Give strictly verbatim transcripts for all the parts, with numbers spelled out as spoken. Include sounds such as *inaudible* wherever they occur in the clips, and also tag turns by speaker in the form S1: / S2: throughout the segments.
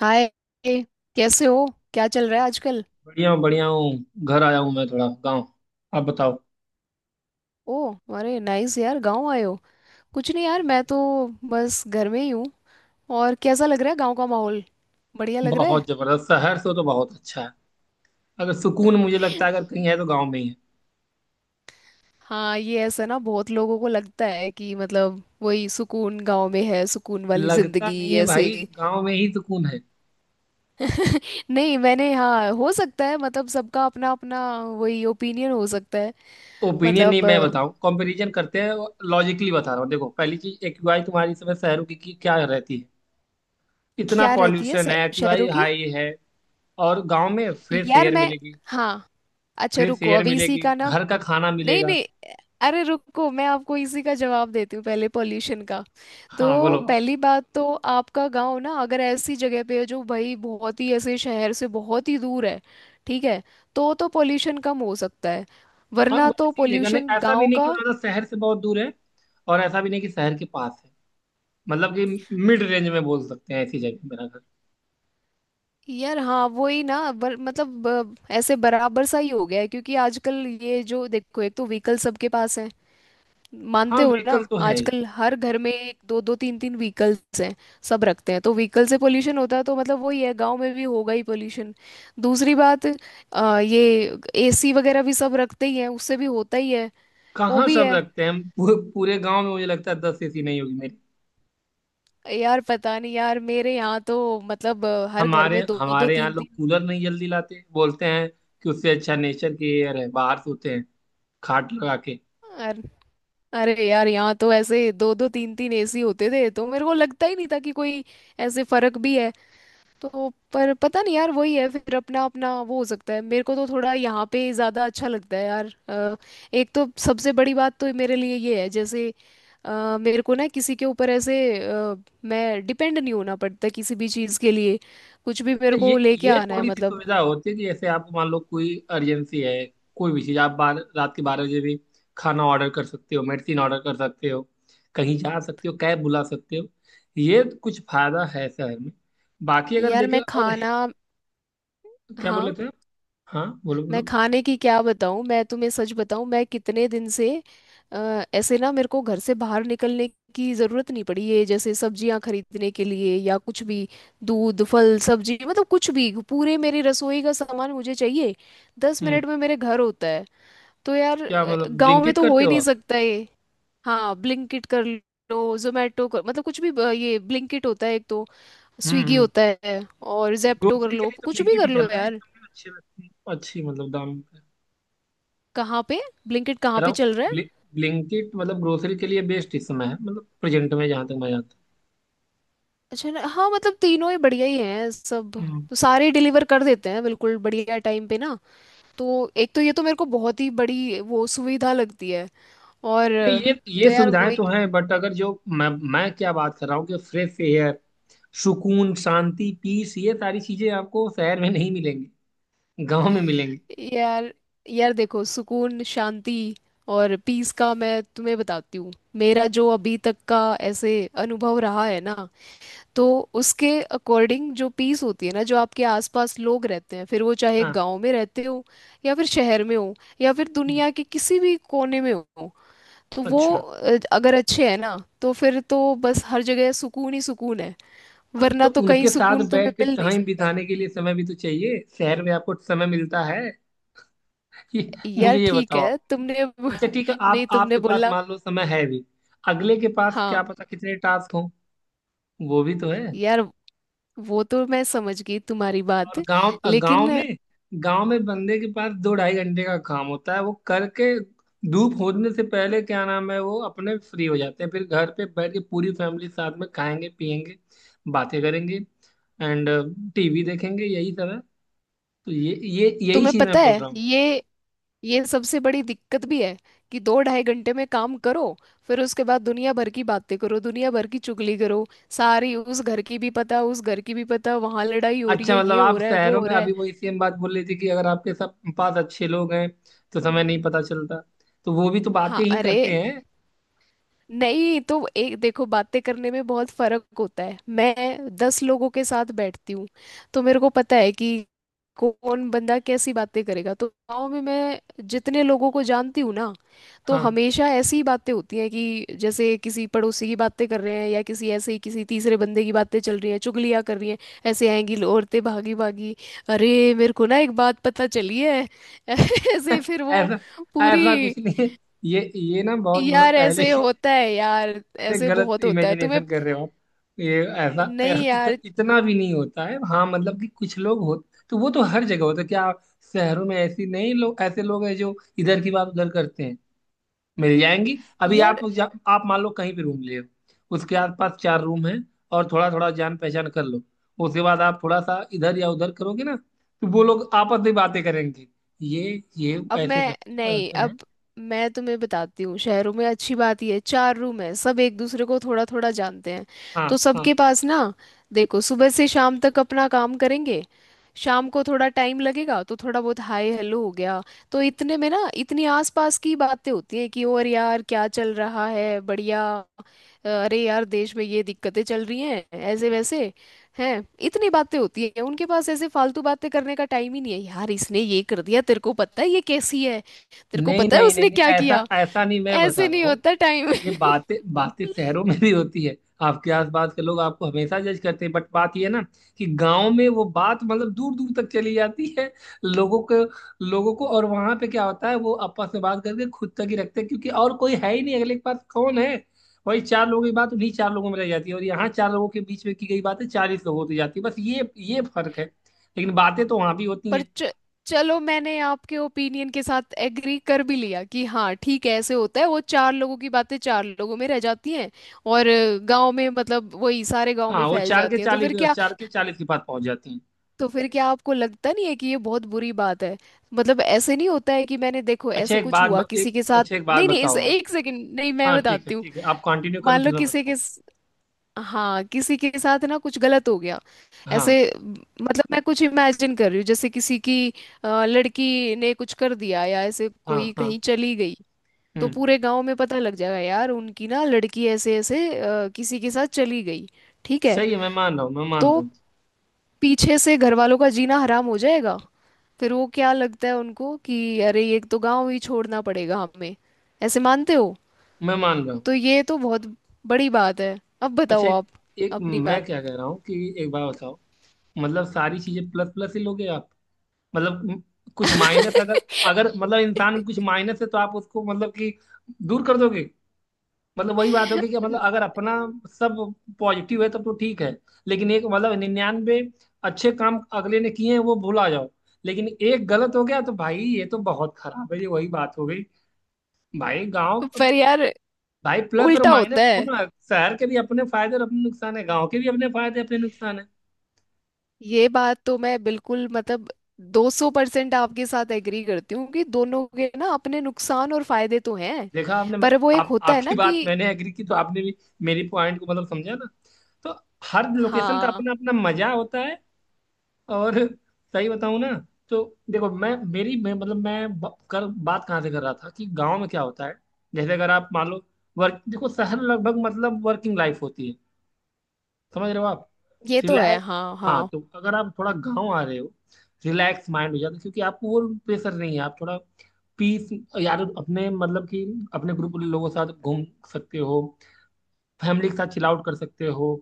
S1: हाय। कैसे हो? क्या चल रहा है आजकल?
S2: बढ़िया हूँ बढ़िया हूँ। घर आया हूँ मैं थोड़ा गाँव। आप बताओ।
S1: ओ, अरे नाइस यार, गांव आए हो? कुछ नहीं यार, मैं तो बस घर में ही हूँ। और कैसा लग रहा है गांव का माहौल? बढ़िया लग रहा है?
S2: बहुत जबरदस्त। शहर से तो बहुत अच्छा है। अगर सुकून मुझे लगता है अगर कहीं है तो गाँव में ही है।
S1: हाँ, ये ऐसा ना, बहुत लोगों को लगता है कि मतलब वही सुकून गांव में है, सुकून वाली
S2: लगता
S1: जिंदगी।
S2: नहीं है
S1: ऐसे?
S2: भाई, गाँव में ही सुकून है।
S1: नहीं मैंने, हाँ, हो सकता है, मतलब सबका अपना अपना वही ओपिनियन हो सकता है।
S2: ओपिनियन नहीं,
S1: मतलब
S2: मैं
S1: अ,
S2: बताऊँ कंपैरिजन करते हैं। लॉजिकली बता रहा हूँ। देखो पहली चीज, एक्यूआई तुम्हारी इस समय शहरों की की क्या रहती है। इतना
S1: क्या रहती है
S2: पॉल्यूशन है,
S1: शह-
S2: एक्यूआई
S1: शहरों की?
S2: हाई है। और गाँव में फ्रेश
S1: यार
S2: एयर
S1: मैं,
S2: मिलेगी।
S1: हाँ, अच्छा
S2: फ्रेश
S1: रुको
S2: एयर
S1: अभी इसी
S2: मिलेगी,
S1: का ना।
S2: घर का खाना
S1: नहीं
S2: मिलेगा।
S1: नहीं, अरे रुको, मैं आपको इसी का जवाब देती हूँ पहले, पॉल्यूशन का।
S2: हाँ
S1: तो
S2: बोलो।
S1: पहली बात तो, आपका गांव ना, अगर ऐसी जगह पे है जो भाई बहुत ही ऐसे शहर से बहुत ही दूर है, ठीक है, तो तो पॉल्यूशन कम हो सकता है,
S2: हाँ
S1: वरना तो
S2: वैसी ही जगह नहीं,
S1: पॉल्यूशन
S2: ऐसा भी
S1: गांव
S2: नहीं कि
S1: का।
S2: ज्यादा शहर से बहुत दूर है और ऐसा भी नहीं कि शहर के पास है। मतलब कि मिड रेंज में बोल सकते हैं ऐसी जगह मेरा घर।
S1: यार हाँ वही ना, बर, मतलब ब, ऐसे बराबर सा ही हो गया है, क्योंकि आजकल ये जो देखो, एक तो व्हीकल सबके पास है,
S2: हाँ
S1: मानते हो ना?
S2: व्हीकल तो है ही।
S1: आजकल हर घर में एक, दो दो, तीन तीन व्हीकल्स हैं, सब रखते हैं, तो व्हीकल से पोल्यूशन होता है, तो मतलब वही है, गांव में भी होगा ही पोल्यूशन। दूसरी बात अ, ये एसी वगैरह भी सब रखते ही हैं, उससे भी होता ही है। वो
S2: कहाँ
S1: भी
S2: सब
S1: है।
S2: रखते हैं। पूरे, पूरे गांव में मुझे लगता है दस एसी नहीं होगी मेरी।
S1: यार पता नहीं यार, मेरे यहाँ तो मतलब अ, हर घर
S2: हमारे
S1: में दो दो,
S2: हमारे यहाँ
S1: तीन
S2: लोग
S1: तीन।
S2: कूलर नहीं जल्दी लाते, बोलते हैं कि उससे अच्छा नेचर की एयर है, बाहर सोते हैं खाट लगा के।
S1: अर- अरे यार, यहाँ तो ऐसे दो दो, तीन तीन एसी होते थे, तो मेरे को लगता ही नहीं था कि कोई ऐसे फर्क भी है। तो पर पता नहीं यार, वही है फिर, अपना अपना वो, हो सकता है, मेरे को तो थोड़ा यहाँ पे ज़्यादा अच्छा लगता है यार। अ, एक तो सबसे बड़ी बात तो मेरे लिए ये है, जैसे अ, मेरे को ना किसी के ऊपर ऐसे अ, मैं डिपेंड नहीं होना पड़ता किसी भी चीज़ के लिए। कुछ भी मेरे को
S2: ये
S1: लेके
S2: ये
S1: आना है
S2: थोड़ी सी
S1: मतलब।
S2: सुविधा होती है कि जैसे आपको मान लो कोई अर्जेंसी है, कोई भी चीज, आप बार रात के बारह बजे भी खाना ऑर्डर कर सकते हो, मेडिसिन ऑर्डर कर सकते हो, कहीं जा सकते हो, कैब बुला सकते हो। ये कुछ फायदा है शहर में। बाकी अगर
S1: यार
S2: देखें
S1: मैं
S2: और है-
S1: खाना,
S2: क्या बोल
S1: हाँ,
S2: लेते हैं। हाँ बोलो
S1: मैं
S2: बोलो।
S1: खाने की क्या बताऊं, मैं तुम्हें सच बताऊं, मैं कितने दिन से अ, ऐसे ना मेरे को घर से बाहर निकलने की ज़रूरत नहीं पड़ी है, जैसे सब्जियां खरीदने के लिए या कुछ भी, दूध, फल, सब्जी, मतलब कुछ भी पूरे मेरी रसोई का सामान मुझे चाहिए, दस
S2: हम्म।
S1: मिनट में मेरे घर होता है। तो यार
S2: क्या
S1: अ,
S2: मतलब,
S1: गांव में
S2: ब्लिंकिट
S1: तो हो
S2: करते
S1: ही
S2: हो
S1: नहीं
S2: आप?
S1: सकता ये। हाँ, ब्लिंकिट कर लो, जोमेटो कर, मतलब कुछ भी अ, ये ब्लिंकिट होता है एक तो,
S2: हम्म
S1: स्विगी
S2: हम्म।
S1: होता है, और जेप्टो कर
S2: ग्रोसरी के
S1: लो,
S2: लिए तो
S1: कुछ भी
S2: ब्लिंकिट
S1: कर
S2: ही
S1: लो
S2: चल रहा है इस
S1: यार।
S2: समय, अच्छे, अच्छी मतलब दाम पे।
S1: कहाँ पे? ब्लिंकिट
S2: कह
S1: कहाँ
S2: रहा
S1: पे
S2: हूँ,
S1: चल रहा है?
S2: ब्लि, ब्लिंकिट मतलब ग्रोसरी के लिए बेस्ट इस समय है, मतलब प्रेजेंट में जहाँ तक मैं जानता
S1: अच्छा, ना हाँ मतलब तीनों ही बढ़िया ही हैं सब,
S2: हूँ।
S1: तो सारे डिलीवर कर देते हैं बिल्कुल बढ़िया टाइम पे ना। तो एक तो ये तो मेरे को बहुत ही बड़ी वो सुविधा लगती है, और
S2: नहीं ये
S1: तो
S2: ये
S1: यार
S2: सुविधाएं
S1: वही।
S2: तो हैं, बट अगर जो मैं मैं क्या बात कर रहा हूँ कि फ्रेश एयर, सुकून, शांति, पीस, ये सारी चीजें आपको शहर में नहीं मिलेंगी, गांव में मिलेंगी।
S1: यार, यार देखो, सुकून, शांति और पीस का मैं तुम्हें बताती हूँ, मेरा जो अभी तक का ऐसे अनुभव रहा है ना, तो उसके अकॉर्डिंग जो पीस होती है ना, जो आपके आसपास लोग रहते हैं, फिर वो चाहे
S2: हाँ।
S1: गांव में रहते हो, या फिर शहर में हो, या फिर
S2: हम्म।
S1: दुनिया के किसी भी कोने में हो, तो वो
S2: अच्छा।
S1: अ, अगर अच्छे हैं ना, तो फिर तो बस हर जगह सुकून ही सुकून है,
S2: तो
S1: वरना तो कहीं
S2: उनके साथ
S1: सुकून तुम्हें
S2: बैठ के
S1: मिल नहीं
S2: टाइम
S1: सकता।
S2: बिताने के लिए समय भी तो चाहिए, शहर में आपको समय मिलता है? ये,
S1: यार
S2: मुझे ये
S1: ठीक
S2: बताओ
S1: है,
S2: आप।
S1: तुमने *laughs*
S2: अच्छा ठीक है,
S1: नहीं,
S2: आप,
S1: तुमने
S2: आपके पास
S1: बोला।
S2: मान लो समय है भी, अगले के पास
S1: हाँ
S2: क्या पता कितने टास्क हों। वो भी तो है।
S1: यार, वो तो मैं समझ गई तुम्हारी बात,
S2: और गांव गांव
S1: लेकिन
S2: में गांव में बंदे के पास दो ढाई घंटे का काम होता है, वो करके धूप होने से पहले, क्या नाम है वो, अपने फ्री हो जाते हैं। फिर घर पे बैठ के पूरी फैमिली साथ में खाएंगे पियेंगे, बातें करेंगे, एंड टीवी देखेंगे, यही सब है। तो ये ये यही
S1: तुम्हें
S2: चीज मैं
S1: पता
S2: बोल
S1: है,
S2: रहा हूँ।
S1: ये ये सबसे बड़ी दिक्कत भी है, कि दो ढाई घंटे में काम करो, फिर उसके बाद दुनिया भर की बातें करो, दुनिया भर की चुगली करो सारी, उस घर की भी पता, उस घर की भी पता, वहां लड़ाई हो रही
S2: अच्छा
S1: है,
S2: मतलब
S1: ये हो
S2: आप
S1: रहा है, वो
S2: शहरों
S1: हो
S2: में
S1: रहा है।
S2: अभी वही सेम बात बोल रही थी कि अगर आपके सब पास अच्छे लोग हैं तो समय नहीं पता चलता। तो वो भी तो
S1: हाँ।
S2: बातें ही
S1: अरे
S2: करते हैं।
S1: नहीं तो एक देखो, बातें करने में बहुत फर्क होता है, मैं दस लोगों के साथ बैठती हूँ, तो मेरे को पता है कि कौन बंदा कैसी बातें करेगा, तो गाँव में मैं जितने लोगों को जानती हूँ ना, तो
S2: हाँ।
S1: हमेशा ऐसी बातें होती हैं कि जैसे किसी पड़ोसी की बातें कर रहे हैं, या किसी ऐसे ही किसी तीसरे बंदे की बातें चल रही हैं, चुगलियाँ कर रही हैं। ऐसे आएंगी लो- औरतें भागी भागी, अरे मेरे को ना एक बात पता चली है। *laughs* ऐसे
S2: *laughs*
S1: फिर वो
S2: ऐसा ऐसा
S1: पूरी।
S2: कुछ नहीं है। ये ये ना बहुत, मतलब
S1: यार
S2: पहले
S1: ऐसे
S2: की।
S1: होता है यार,
S2: अरे
S1: ऐसे
S2: गलत
S1: बहुत होता है, तुम्हें?
S2: इमेजिनेशन कर रहे हो आप। ये ऐसा ऐ-
S1: नहीं
S2: इत,
S1: यार,
S2: इतना भी नहीं होता है। हाँ मतलब कि कुछ लोग हो तो वो तो हर जगह होता है क्या। शहरों में ऐसी नहीं, लोग, ऐसे लोग हैं जो इधर की बात उधर करते हैं, मिल जाएंगी। अभी आप
S1: यार।
S2: जा, आप मान लो कहीं भी रूम ले हो, उसके आसपास चार रूम है, और थोड़ा थोड़ा जान पहचान कर लो, उसके बाद आप थोड़ा सा इधर या उधर करोगे ना, तो वो लोग आपस में बातें करेंगे। ये ये
S1: अब
S2: ऐसे
S1: मैं,
S2: करते हैं, वो
S1: नहीं
S2: ऐसे हैं।
S1: अब मैं तुम्हें बताती हूँ, शहरों में अच्छी बात ये है, चार रूम है, सब एक दूसरे को थोड़ा थोड़ा जानते हैं,
S2: हाँ
S1: तो सबके
S2: हाँ।
S1: पास ना, देखो सुबह से शाम तक अपना काम करेंगे, शाम को थोड़ा टाइम लगेगा, तो थोड़ा बहुत हाय हेलो हो गया, तो इतने में ना इतनी आसपास की बातें होती हैं कि, और यार क्या चल रहा है बढ़िया, अरे यार देश में ये दिक्कतें चल रही हैं, ऐसे वैसे, हैं इतनी बातें होती है उनके पास, ऐसे फालतू बातें करने का टाइम ही नहीं है यार, इसने ये कर दिया, तेरे को पता है, ये कैसी है, तेरे को
S2: नहीं
S1: पता है
S2: नहीं नहीं
S1: उसने
S2: नहीं,
S1: क्या
S2: ऐसा
S1: किया।
S2: ऐसा नहीं, मैं बता
S1: ऐसे
S2: रहा
S1: नहीं
S2: हूँ।
S1: होता टाइम।
S2: ये बातें,
S1: *laughs*
S2: बातें शहरों में भी होती है। आपके आसपास के लोग आपको हमेशा जज करते हैं, बट बात ये है ना कि गांव में वो बात मतलब दूर दूर तक चली जाती है। लोगों को लोगों को और वहां पे क्या होता है, वो आपस में बात करके खुद तक ही रखते हैं, क्योंकि और कोई है ही नहीं, अगले के पास कौन है। वही चार लोगों की बात उन्हीं चार लोगों में रह जाती है, और यहाँ चार लोगों के बीच में की गई बातें चालीस लोगों तक जाती है। बस ये ये फर्क है। लेकिन बातें तो वहां भी होती
S1: पर
S2: हैं।
S1: च, चलो, मैंने आपके ओपिनियन के साथ एग्री कर भी लिया, कि हाँ ठीक है, ऐसे होता है, वो चार लोगों की बातें चार लोगों में रह जाती हैं, और गांव में मतलब वही सारे गांव में
S2: हाँ, वो
S1: फैल
S2: चार के
S1: जाती हैं, तो
S2: चालीस
S1: फिर क्या?
S2: चार के चालीस के बाद पहुंच जाती हैं।
S1: तो फिर क्या आपको लगता नहीं है कि ये बहुत बुरी बात है? मतलब ऐसे नहीं होता है कि मैंने, देखो,
S2: अच्छा,
S1: ऐसा
S2: एक
S1: कुछ
S2: बात
S1: हुआ
S2: ब- एक
S1: किसी के साथ।
S2: अच्छा एक बात
S1: नहीं नहीं, इस,
S2: बताओ आप।
S1: एक सेकंड, नहीं मैं
S2: हाँ ठीक है
S1: बताती हूँ।
S2: ठीक है, आप कंटिन्यू कर लो
S1: मान लो
S2: फिर मैं
S1: किसी
S2: बताता
S1: के स- हाँ, किसी के साथ ना कुछ गलत हो गया,
S2: हूँ।
S1: ऐसे
S2: हाँ
S1: म, मतलब मैं कुछ इमेजिन कर रही हूँ, जैसे किसी की अ, लड़की ने कुछ कर दिया, या ऐसे
S2: हाँ।
S1: कोई
S2: हाँ।
S1: कहीं चली गई, तो
S2: हम्म।
S1: पूरे गांव में पता लग जाएगा, यार उनकी ना लड़की ऐसे ऐसे अ, किसी के साथ चली गई, ठीक है।
S2: सही है, मैं मान रहा हूँ मैं मान
S1: तो
S2: रहा हूँ
S1: पीछे से घर वालों का जीना हराम हो जाएगा, फिर वो क्या लगता है उनको, कि अरे ये तो गांव ही छोड़ना पड़ेगा हमें, ऐसे मानते हो?
S2: मैं मान रहा हूँ।
S1: तो ये तो बहुत बड़ी बात है। अब बताओ
S2: अच्छा एक,
S1: आप
S2: एक
S1: अपनी बात।
S2: मैं क्या कह रहा हूँ कि एक बात बताओ, मतलब सारी चीजें प्लस प्लस ही लोगे आप। मतलब म- कुछ माइनस अगर, अगर मतलब इंसान में कुछ माइनस है तो आप उसको मतलब कि दूर कर दोगे। मतलब वही बात होगी कि मतलब
S1: *laughs*
S2: अगर अपना सब पॉजिटिव है तब तो ठीक है। लेकिन एक, मतलब निन्यानवे अच्छे काम अगले ने किए हैं वो भुला जाओ, लेकिन एक गलत हो गया तो भाई ये तो बहुत खराब है। ये वही बात हो गई। भाई गांव
S1: पर यार
S2: भाई प्लस और
S1: उल्टा
S2: माइनस
S1: होता है,
S2: दोनों है। शहर के भी अपने फायदे और अपने नुकसान है, गांव के भी अपने फायदे अपने नुकसान है।
S1: ये बात तो मैं बिल्कुल मतलब दो सौ परसेंट आपके साथ एग्री करती हूँ, कि दोनों के ना अपने नुकसान और फायदे तो हैं।
S2: देखा आपने।
S1: पर वो एक
S2: आप
S1: होता है
S2: आपकी
S1: ना
S2: बात
S1: कि,
S2: मैंने एग्री की तो आपने भी मेरी पॉइंट को मतलब समझा ना। तो हर लोकेशन का
S1: हाँ,
S2: अपना अपना मजा होता है। और सही बताऊं ना, तो देखो मैं मेरी मैं, मतलब मैं ब- कर बात कहाँ से कर रहा था कि गांव में क्या होता है। जैसे अगर आप मान लो, वर्क, देखो शहर लगभग मतलब वर्किंग लाइफ होती है। समझ रहे हो आप।
S1: ये तो है
S2: रिलैक्स।
S1: हाँ
S2: हाँ,
S1: हाँ,
S2: तो अगर आप थोड़ा गांव आ रहे हो, रिलैक्स माइंड हो जाता है क्योंकि आपको वो प्रेशर नहीं है। आप थोड़ा पीस, यार अपने, मतलब कि अपने ग्रुप के लोगों के साथ घूम सकते हो, फैमिली के साथ चिल आउट कर सकते हो।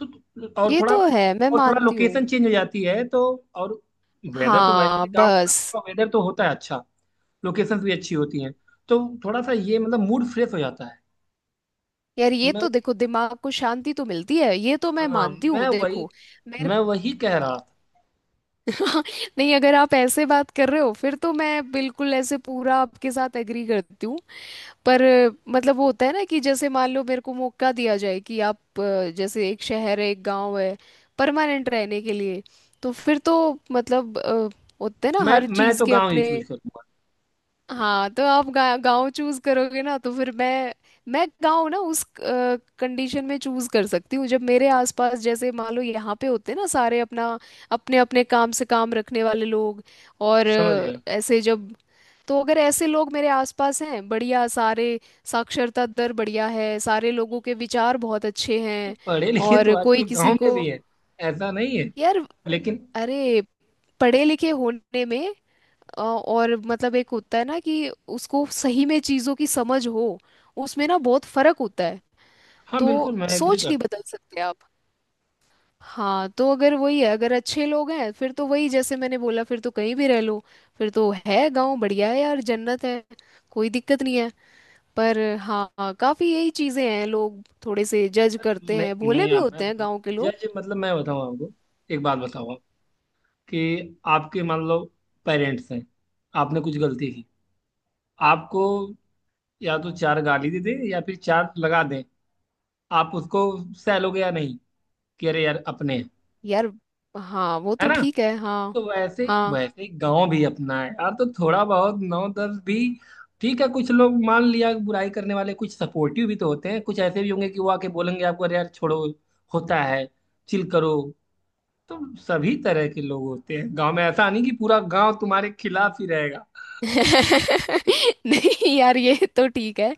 S2: तो और
S1: ये
S2: थोड़ा,
S1: तो है मैं
S2: और थोड़ा
S1: मानती हूँ,
S2: लोकेशन चेंज हो जाती है तो, और वेदर तो वैसे
S1: हाँ
S2: भी गांव गांव
S1: बस।
S2: का वेदर तो होता है अच्छा, लोकेशन भी अच्छी होती हैं। तो थोड़ा सा ये मतलब मूड फ्रेश हो जाता है।
S1: यार ये
S2: मैं,
S1: तो देखो, दिमाग को शांति तो मिलती है, ये तो मैं
S2: हाँ
S1: मानती हूँ
S2: मैं वही
S1: देखो, मेरे
S2: मैं
S1: को।
S2: वही कह रहा था।
S1: *laughs* नहीं, अगर आप ऐसे बात कर रहे हो, फिर तो मैं बिल्कुल ऐसे पूरा आपके साथ एग्री करती हूँ। पर अ, मतलब वो होता है ना, कि जैसे मान लो मेरे को मौका दिया जाए, कि आप अ, जैसे एक शहर है एक गांव है, परमानेंट रहने के लिए, तो फिर तो मतलब अ, होते हैं ना
S2: मैं
S1: हर
S2: मैं
S1: चीज़
S2: तो
S1: के
S2: गांव ही
S1: अपने।
S2: चूज करूंगा।
S1: हाँ, तो आप गा, गाँव चूज करोगे ना, तो फिर मैं मैं गाँव ना उस कंडीशन में चूज कर सकती हूँ, जब मेरे आसपास जैसे मान लो यहाँ पे होते ना सारे, अपना अपने अपने काम से काम रखने वाले लोग, और
S2: समझ
S1: अ,
S2: गया।
S1: ऐसे जब, तो अगर ऐसे लोग मेरे आसपास हैं बढ़िया सारे, साक्षरता दर बढ़िया है, सारे लोगों के विचार बहुत अच्छे
S2: ये
S1: हैं,
S2: पढ़े लिखे तो
S1: और कोई
S2: आजकल गांव
S1: किसी
S2: में
S1: को,
S2: भी है, ऐसा नहीं है,
S1: यार,
S2: लेकिन।
S1: अरे पढ़े लिखे होने में अ, और मतलब एक होता है ना कि उसको सही में चीजों की समझ हो, उसमें ना बहुत फर्क होता है,
S2: हाँ
S1: तो
S2: बिल्कुल मैं एग्री
S1: सोच
S2: कर।
S1: नहीं बदल सकते आप। हाँ, तो अगर वही है, अगर अच्छे लोग हैं, फिर तो वही जैसे मैंने बोला, फिर तो कहीं भी रह लो, फिर तो है गांव बढ़िया है यार, जन्नत है, कोई दिक्कत नहीं है। पर हाँ हाँ, काफी यही चीजें हैं, लोग थोड़े से जज
S2: पर,
S1: करते हैं,
S2: नहीं
S1: भोले
S2: नहीं,
S1: भी
S2: अब मैं
S1: होते हैं गांव के लोग।
S2: जज, मतलब मैं बताऊँ आपको। एक बात बताओ कि आपके मान लो पेरेंट्स हैं, आपने कुछ गलती की, आपको या तो चार गाली दे दे या फिर चार लगा दें, आप उसको सह लोगे या नहीं कि अरे यार अपने हैं।
S1: यार हाँ, वो
S2: है
S1: तो
S2: ना।
S1: ठीक है
S2: तो
S1: हाँ
S2: वैसे
S1: हाँ।
S2: वैसे गांव भी अपना है यार, तो थोड़ा बहुत नौ दस भी ठीक है। कुछ लोग मान लिया बुराई करने वाले, कुछ सपोर्टिव भी तो होते हैं, कुछ ऐसे भी होंगे कि वो आके बोलेंगे आपको, अरे यार छोड़ो, होता है, चिल करो। तो सभी तरह के लोग होते हैं गांव में, ऐसा नहीं कि पूरा गांव तुम्हारे खिलाफ ही रहेगा।
S1: *laughs* नहीं यार, ये तो ठीक है,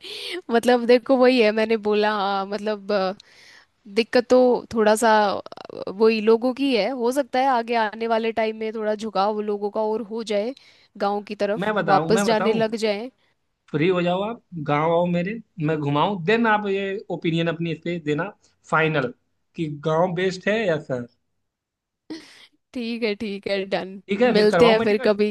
S1: मतलब देखो वही है, मैंने बोला हाँ, मतलब अ, दिक्कत तो थोड़ा सा अ, वही लोगों की है, हो सकता है आगे आने वाले टाइम में थोड़ा झुकाव लोगों का और हो जाए, गांव की
S2: मैं
S1: तरफ
S2: बताऊं
S1: वापस
S2: मैं
S1: जाने
S2: बताऊं,
S1: लग जाए।
S2: फ्री हो जाओ आप, गांव आओ मेरे, मैं घुमाऊं, देन आप ये ओपिनियन अपनी इस पे देना फाइनल, कि गांव बेस्ट है या शहर।
S1: ठीक है ठीक है, डन।
S2: ठीक है फिर
S1: मिलते
S2: करवाऊं
S1: हैं
S2: मैं
S1: फिर
S2: टिकट।
S1: कभी।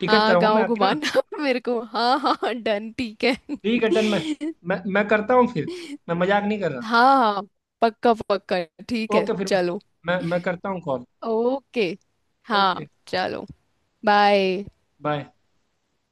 S2: टिकट
S1: हाँ
S2: करवाऊं मैं
S1: गांव
S2: आपकी ना।
S1: घुमाना *laughs* मेरे को, हाँ हाँ हाँ, डन ठीक है।
S2: ठीक है
S1: *laughs*
S2: डन। मैं मैं मैं करता हूँ फिर। मैं मजाक नहीं कर रहा।
S1: हाँ हाँ, पक्का पक्का, ठीक है
S2: ओके फिर मैं
S1: चलो।
S2: मैं, मैं करता हूँ कॉल।
S1: ओके। हाँ
S2: ओके।
S1: चलो, बाय।
S2: बाय।